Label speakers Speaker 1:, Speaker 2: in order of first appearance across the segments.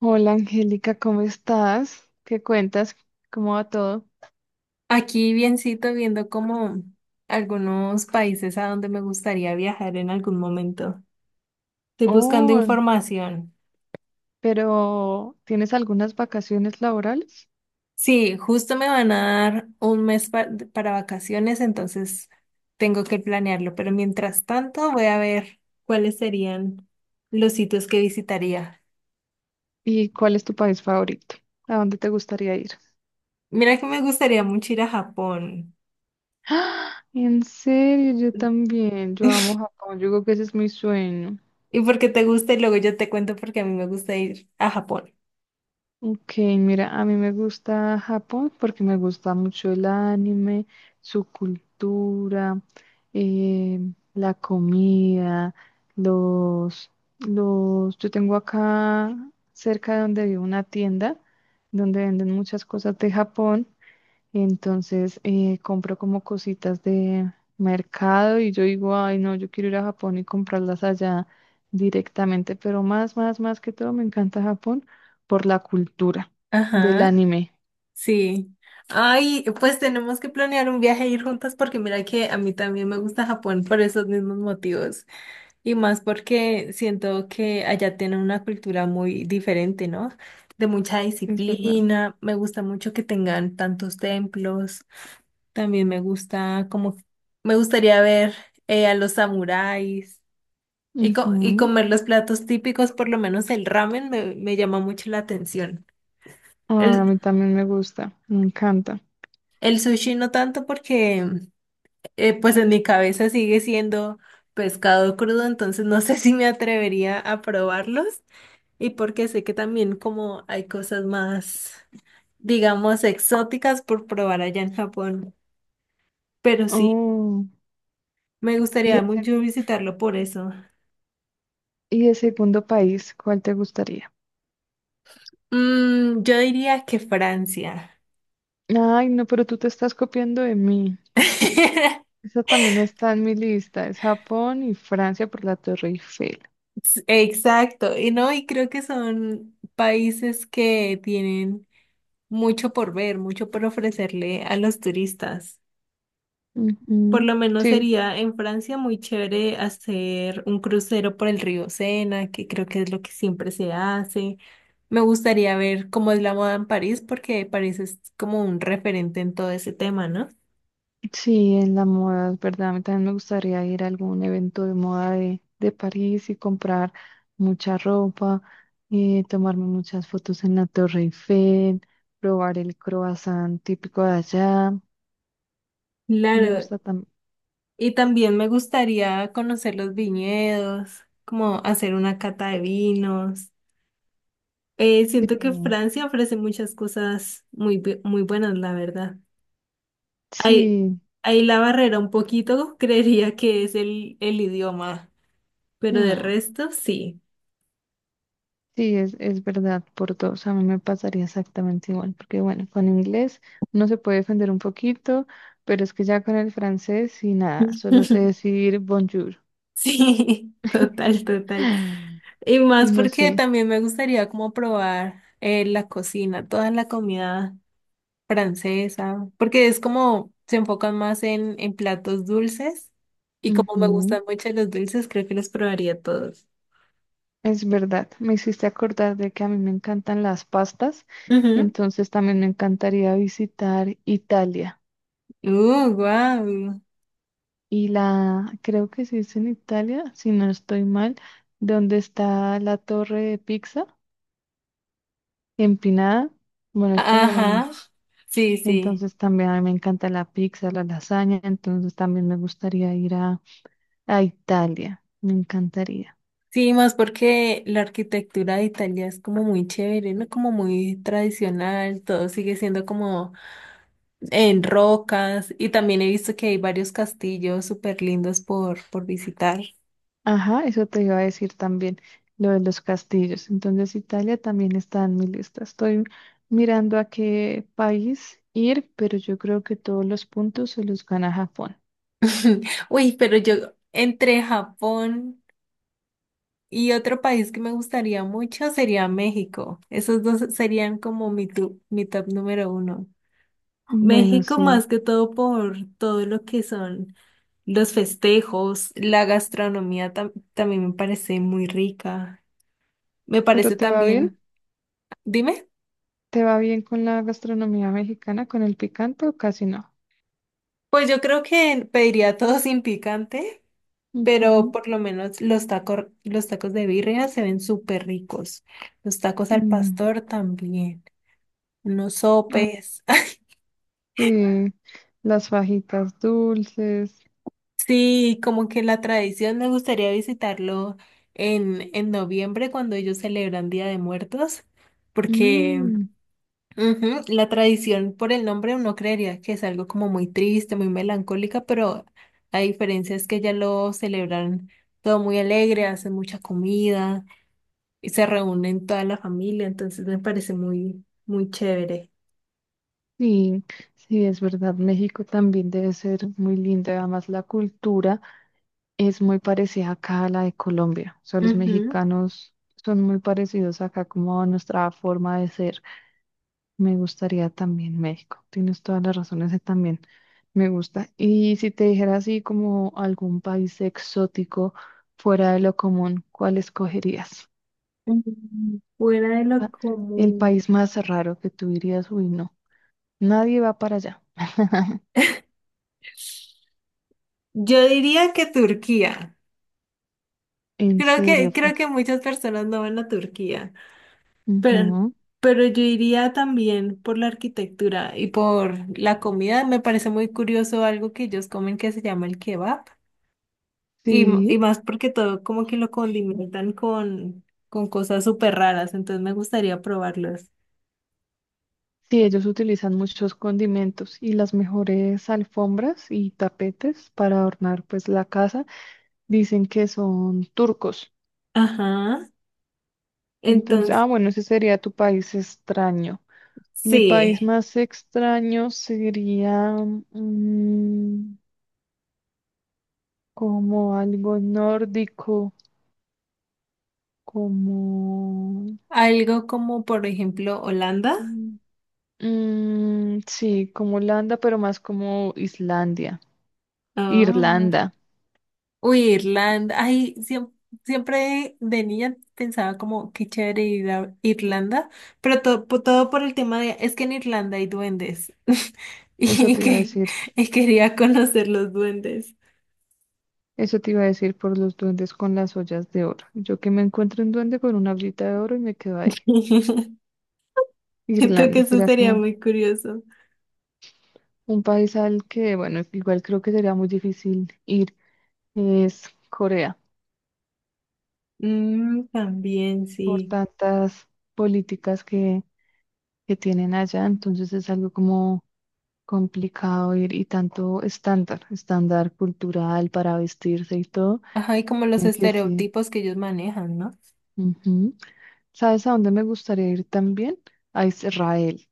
Speaker 1: Hola Angélica, ¿cómo estás? ¿Qué cuentas? ¿Cómo va todo?
Speaker 2: Aquí biencito viendo como algunos países a donde me gustaría viajar en algún momento. Estoy buscando
Speaker 1: Oh,
Speaker 2: información.
Speaker 1: pero ¿tienes algunas vacaciones laborales?
Speaker 2: Sí, justo me van a dar un mes para vacaciones, entonces tengo que planearlo. Pero mientras tanto voy a ver cuáles serían los sitios que visitaría.
Speaker 1: ¿Y cuál es tu país favorito? ¿A dónde te gustaría ir?
Speaker 2: Mira que me gustaría mucho ir a Japón.
Speaker 1: ¡Ah! En serio, yo también. Yo amo Japón. Yo creo que ese es mi sueño.
Speaker 2: ¿Y porque te gusta? Y luego yo te cuento porque a mí me gusta ir a Japón.
Speaker 1: Ok, mira, a mí me gusta Japón porque me gusta mucho el anime, su cultura, eh, la comida, los, los, yo tengo acá cerca de donde vivo una tienda donde venden muchas cosas de Japón. Entonces compro como cositas de mercado y yo digo, ay, no, yo quiero ir a Japón y comprarlas allá directamente, pero más que todo me encanta Japón por la cultura del
Speaker 2: Ajá.
Speaker 1: anime,
Speaker 2: Sí. Ay, pues tenemos que planear un viaje e ir juntas porque mira que a mí también me gusta Japón por esos mismos motivos y más porque siento que allá tienen una cultura muy diferente, ¿no? De mucha
Speaker 1: es verdad.
Speaker 2: disciplina, me gusta mucho que tengan tantos templos, también me gusta como, me gustaría ver a los samuráis y, y
Speaker 1: Ujú.
Speaker 2: comer los platos típicos, por lo menos el ramen me llama mucho la atención.
Speaker 1: Ay, a
Speaker 2: El,
Speaker 1: mí también me gusta, me encanta.
Speaker 2: el sushi no tanto porque pues en mi cabeza sigue siendo pescado crudo, entonces no sé si me atrevería a probarlos y porque sé que también como hay cosas más, digamos, exóticas por probar allá en Japón, pero sí,
Speaker 1: Oh,
Speaker 2: me
Speaker 1: y
Speaker 2: gustaría
Speaker 1: ese,
Speaker 2: mucho visitarlo por eso.
Speaker 1: y el segundo país, ¿cuál te gustaría?
Speaker 2: Yo diría que Francia.
Speaker 1: Ay, no, pero tú te estás copiando de mí. Esa también está en mi lista, es Japón y Francia por la Torre Eiffel.
Speaker 2: Exacto, y no, y creo que son países que tienen mucho por ver, mucho por ofrecerle a los turistas. Por
Speaker 1: Ujú.
Speaker 2: lo menos
Speaker 1: Sí,
Speaker 2: sería en Francia muy chévere hacer un crucero por el río Sena, que creo que es lo que siempre se hace. Me gustaría ver cómo es la moda en París, porque París es como un referente en todo ese tema, ¿no?
Speaker 1: sí, en la moda, es verdad. A mí también me gustaría ir a algún evento de moda de París y comprar mucha ropa, tomarme muchas fotos en la Torre Eiffel, probar el croissant típico de allá. Me
Speaker 2: Claro,
Speaker 1: gusta también.
Speaker 2: y también me gustaría conocer los viñedos, como hacer una cata de vinos.
Speaker 1: Sí,
Speaker 2: Siento que Francia ofrece muchas cosas muy, muy buenas, la verdad. Ahí,
Speaker 1: sí,
Speaker 2: ahí la barrera un poquito, creería que es el idioma, pero de
Speaker 1: mm,
Speaker 2: resto sí.
Speaker 1: sí, es verdad, por dos. A mí me pasaría exactamente igual, porque bueno, con inglés uno se puede defender un poquito, pero es que ya con el francés y nada, solo sé decir bonjour.
Speaker 2: Sí, total, total. Y
Speaker 1: Y
Speaker 2: más
Speaker 1: no
Speaker 2: porque
Speaker 1: sé.
Speaker 2: también me gustaría como probar la cocina, toda la comida francesa, porque es como se enfocan más en platos dulces y como me
Speaker 1: Ujú.
Speaker 2: gustan mucho los dulces, creo que los probaría todos.
Speaker 1: Es verdad. Me hiciste acordar de que a mí me encantan las pastas.
Speaker 2: Ujú.
Speaker 1: Entonces también me encantaría visitar Italia.
Speaker 2: Wow.
Speaker 1: Y la, creo que se dice en Italia, si no estoy mal, donde está la torre de pizza empinada. Bueno, es como un-
Speaker 2: Ajá. Sí, sí.
Speaker 1: Entonces también a mí me encanta la pizza, la lasaña. Entonces también me gustaría ir a Italia. Me encantaría.
Speaker 2: Sí, más porque la arquitectura de Italia es como muy chévere, ¿no? Como muy tradicional, todo sigue siendo como en rocas y también he visto que hay varios castillos súper lindos por visitar.
Speaker 1: Ajá, eso te iba a decir también, lo de los castillos. Entonces, Italia también está en mi lista. Estoy mirando a qué país ir, pero yo creo que todos los puntos se los gana Japón.
Speaker 2: Uy, pero yo entre Japón y otro país que me gustaría mucho sería México. Esos dos serían como mi, mi top número uno.
Speaker 1: Bueno,
Speaker 2: México
Speaker 1: sí.
Speaker 2: más que todo por todo lo que son los festejos, la gastronomía también me parece muy rica. Me
Speaker 1: ¿Pero
Speaker 2: parece
Speaker 1: te va bien?
Speaker 2: también, dime,
Speaker 1: ¿Te va bien con la gastronomía mexicana, con el picante o casi no?
Speaker 2: pues yo creo que pediría todo sin picante, pero
Speaker 1: Ujú,
Speaker 2: por lo menos los tacos de birria se ven súper ricos. Los tacos al
Speaker 1: mm.
Speaker 2: pastor también, unos
Speaker 1: Ah,
Speaker 2: sopes.
Speaker 1: sí, las fajitas dulces.
Speaker 2: Sí, como que la tradición me gustaría visitarlo en noviembre cuando ellos celebran Día de Muertos, porque
Speaker 1: Mm,
Speaker 2: ujú, la tradición por el nombre uno creería que es algo como muy triste, muy melancólica, pero la diferencia es que ya lo celebran todo muy alegre, hacen mucha comida y se reúnen toda la familia, entonces me parece muy, muy chévere.
Speaker 1: sí, sí, es verdad. México también debe ser muy linda, además la cultura. Es muy parecida acá a la de Colombia. O sea, los
Speaker 2: Ujú.
Speaker 1: mexicanos son muy parecidos acá como a nuestra forma de ser. Me gustaría también México. Tienes todas las razones, ese también me gusta. Y si te dijera así como algún país exótico fuera de lo común, ¿cuál escogerías?
Speaker 2: Fuera de lo
Speaker 1: Ah, el
Speaker 2: común.
Speaker 1: país más raro que tú dirías, uy, no, nadie va para allá.
Speaker 2: Yo diría que Turquía.
Speaker 1: En serio fue.
Speaker 2: Creo que muchas personas no van a Turquía, pero,
Speaker 1: Ujú.
Speaker 2: pero yo iría también por la arquitectura y por la comida. Me parece muy curioso algo que ellos comen que se llama el kebab. Y, y
Speaker 1: Sí.
Speaker 2: más porque todo como que lo condimentan con cosas súper raras, entonces me gustaría probarlos.
Speaker 1: Sí, ellos utilizan muchos condimentos y las mejores alfombras y tapetes para adornar pues la casa. Dicen que son turcos.
Speaker 2: Ajá.
Speaker 1: Entonces, ah,
Speaker 2: Entonces,
Speaker 1: bueno, ese sería tu país extraño. Mi
Speaker 2: sí.
Speaker 1: país más extraño sería mm, como algo nórdico, como
Speaker 2: Algo como, por ejemplo, Holanda.
Speaker 1: mm, sí, como Holanda, pero más como Islandia,
Speaker 2: Ah.
Speaker 1: Irlanda.
Speaker 2: Uy, Irlanda. Ay, siempre, de niña pensaba como qué chévere ir a Irlanda, pero todo, todo por el tema de, es que en Irlanda hay duendes
Speaker 1: Eso
Speaker 2: y
Speaker 1: te iba a
Speaker 2: que
Speaker 1: decir.
Speaker 2: y quería conocer los duendes.
Speaker 1: Eso te iba a decir, por los duendes con las ollas de oro. Yo que me encuentro un duende con una ollita de oro y me quedo ahí.
Speaker 2: Siento que
Speaker 1: Irlanda
Speaker 2: eso
Speaker 1: será
Speaker 2: sería
Speaker 1: como
Speaker 2: muy curioso.
Speaker 1: un país al que, bueno, igual creo que sería muy difícil ir. Es Corea,
Speaker 2: Mm, también
Speaker 1: por
Speaker 2: sí.
Speaker 1: tantas políticas que tienen allá. Entonces es algo como complicado ir y tanto estándar cultural para vestirse y todo.
Speaker 2: Ajá, y como los
Speaker 1: Dicen que sí.
Speaker 2: estereotipos que ellos manejan, ¿no?
Speaker 1: Ujú. ¿Sabes a dónde me gustaría ir también? A Israel.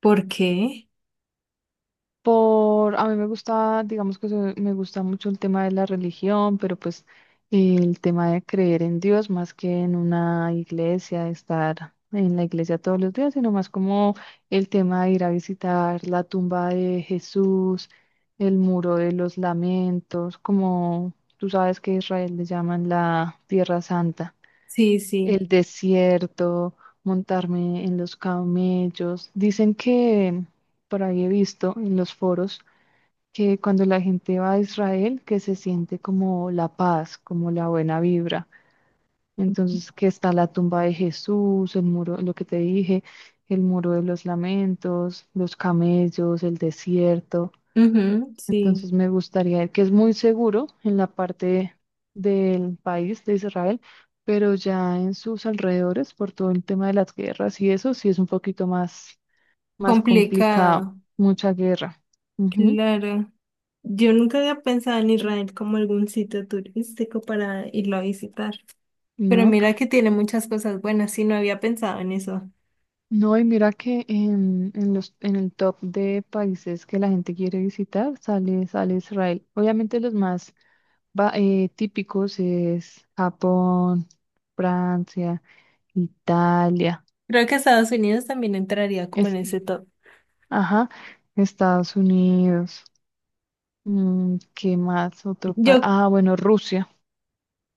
Speaker 2: ¿Por qué?
Speaker 1: Por, a mí me gusta, digamos que se- me gusta mucho el tema de la religión, pero pues el tema de creer en Dios más que en una iglesia, de estar en la iglesia todos los días, sino más como el tema de ir a visitar la tumba de Jesús, el muro de los lamentos, como tú sabes que a Israel le llaman la Tierra Santa,
Speaker 2: Sí, sí.
Speaker 1: el desierto, montarme en los camellos. Dicen que por ahí he visto en los foros que cuando la gente va a Israel, que se siente como la paz, como la buena vibra. Entonces, que está la tumba de Jesús, el muro, lo que te dije, el muro de los lamentos, los camellos, el desierto.
Speaker 2: Ujú, sí.
Speaker 1: Entonces, me gustaría ir, que es muy seguro en la parte del país de Israel, pero ya en sus alrededores, por todo el tema de las guerras y eso, sí es un poquito más, más complicado,
Speaker 2: Complicado.
Speaker 1: mucha guerra. Ujú,
Speaker 2: Claro. Yo nunca había pensado en Israel como algún sitio turístico para irlo a visitar, pero
Speaker 1: ¿no?
Speaker 2: mira que tiene muchas cosas buenas y no había pensado en eso.
Speaker 1: No, y mira que en el top de países que la gente quiere visitar sale Israel. Obviamente los más típicos es Japón, Francia, Italia,
Speaker 2: Creo que Estados Unidos también entraría como en
Speaker 1: es,
Speaker 2: ese top.
Speaker 1: ajá, Estados Unidos. Mm, ¿qué más? Otro país.
Speaker 2: Yo,
Speaker 1: Ah, bueno, Rusia.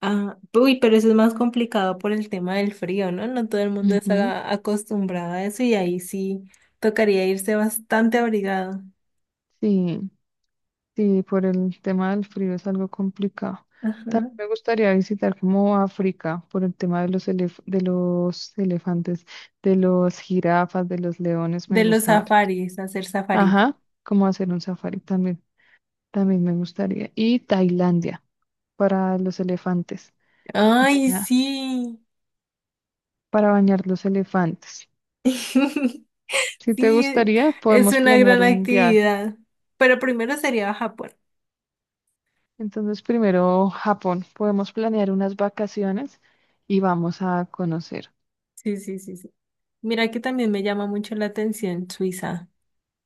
Speaker 2: ah, uy, pero eso es más complicado por el tema del frío, ¿no? No todo el mundo
Speaker 1: Ujú,
Speaker 2: está acostumbrado a eso y ahí sí tocaría irse bastante abrigado.
Speaker 1: sí. Sí, por el tema del frío es algo complicado.
Speaker 2: Ajá.
Speaker 1: También me gustaría visitar como África por el tema de los elefantes, de los jirafas, de los leones,
Speaker 2: De
Speaker 1: me
Speaker 2: los
Speaker 1: gusta harto.
Speaker 2: safaris, hacer safaris.
Speaker 1: Ajá, como hacer un safari también, también me gustaría. Y Tailandia para los elefantes,
Speaker 2: Ay,
Speaker 1: baña-
Speaker 2: sí.
Speaker 1: para bañar los elefantes. Si te
Speaker 2: Sí,
Speaker 1: gustaría,
Speaker 2: es
Speaker 1: podemos
Speaker 2: una
Speaker 1: planear
Speaker 2: gran
Speaker 1: un viaje.
Speaker 2: actividad. Pero primero sería Japón.
Speaker 1: Entonces, primero Japón, podemos planear unas vacaciones y vamos a conocer.
Speaker 2: Sí, sí, sí, sí. Mira que también me llama mucho la atención Suiza,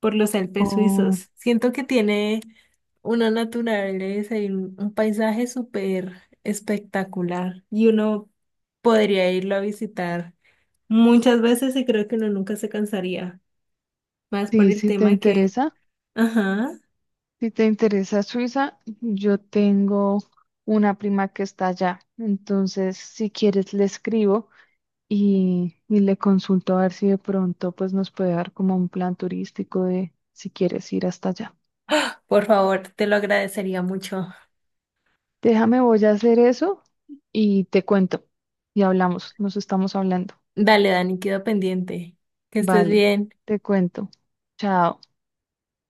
Speaker 2: por los Alpes
Speaker 1: Oh,
Speaker 2: suizos. Siento que tiene una naturaleza y un paisaje súper espectacular. Y uno podría irlo a visitar muchas veces y creo que uno nunca se cansaría. Más por
Speaker 1: sí,
Speaker 2: el
Speaker 1: si te
Speaker 2: tema que...
Speaker 1: interesa,
Speaker 2: Ajá.
Speaker 1: si te interesa Suiza, yo tengo una prima que está allá. Entonces, si quieres, le escribo y le consulto a ver si de pronto pues nos puede dar como un plan turístico de si quieres ir hasta allá.
Speaker 2: Por favor, te lo agradecería mucho.
Speaker 1: Déjame, voy a hacer eso y te cuento. Y hablamos, nos estamos hablando.
Speaker 2: Dale, Dani, quedo pendiente. Que estés
Speaker 1: Vale,
Speaker 2: bien.
Speaker 1: te cuento. Chao.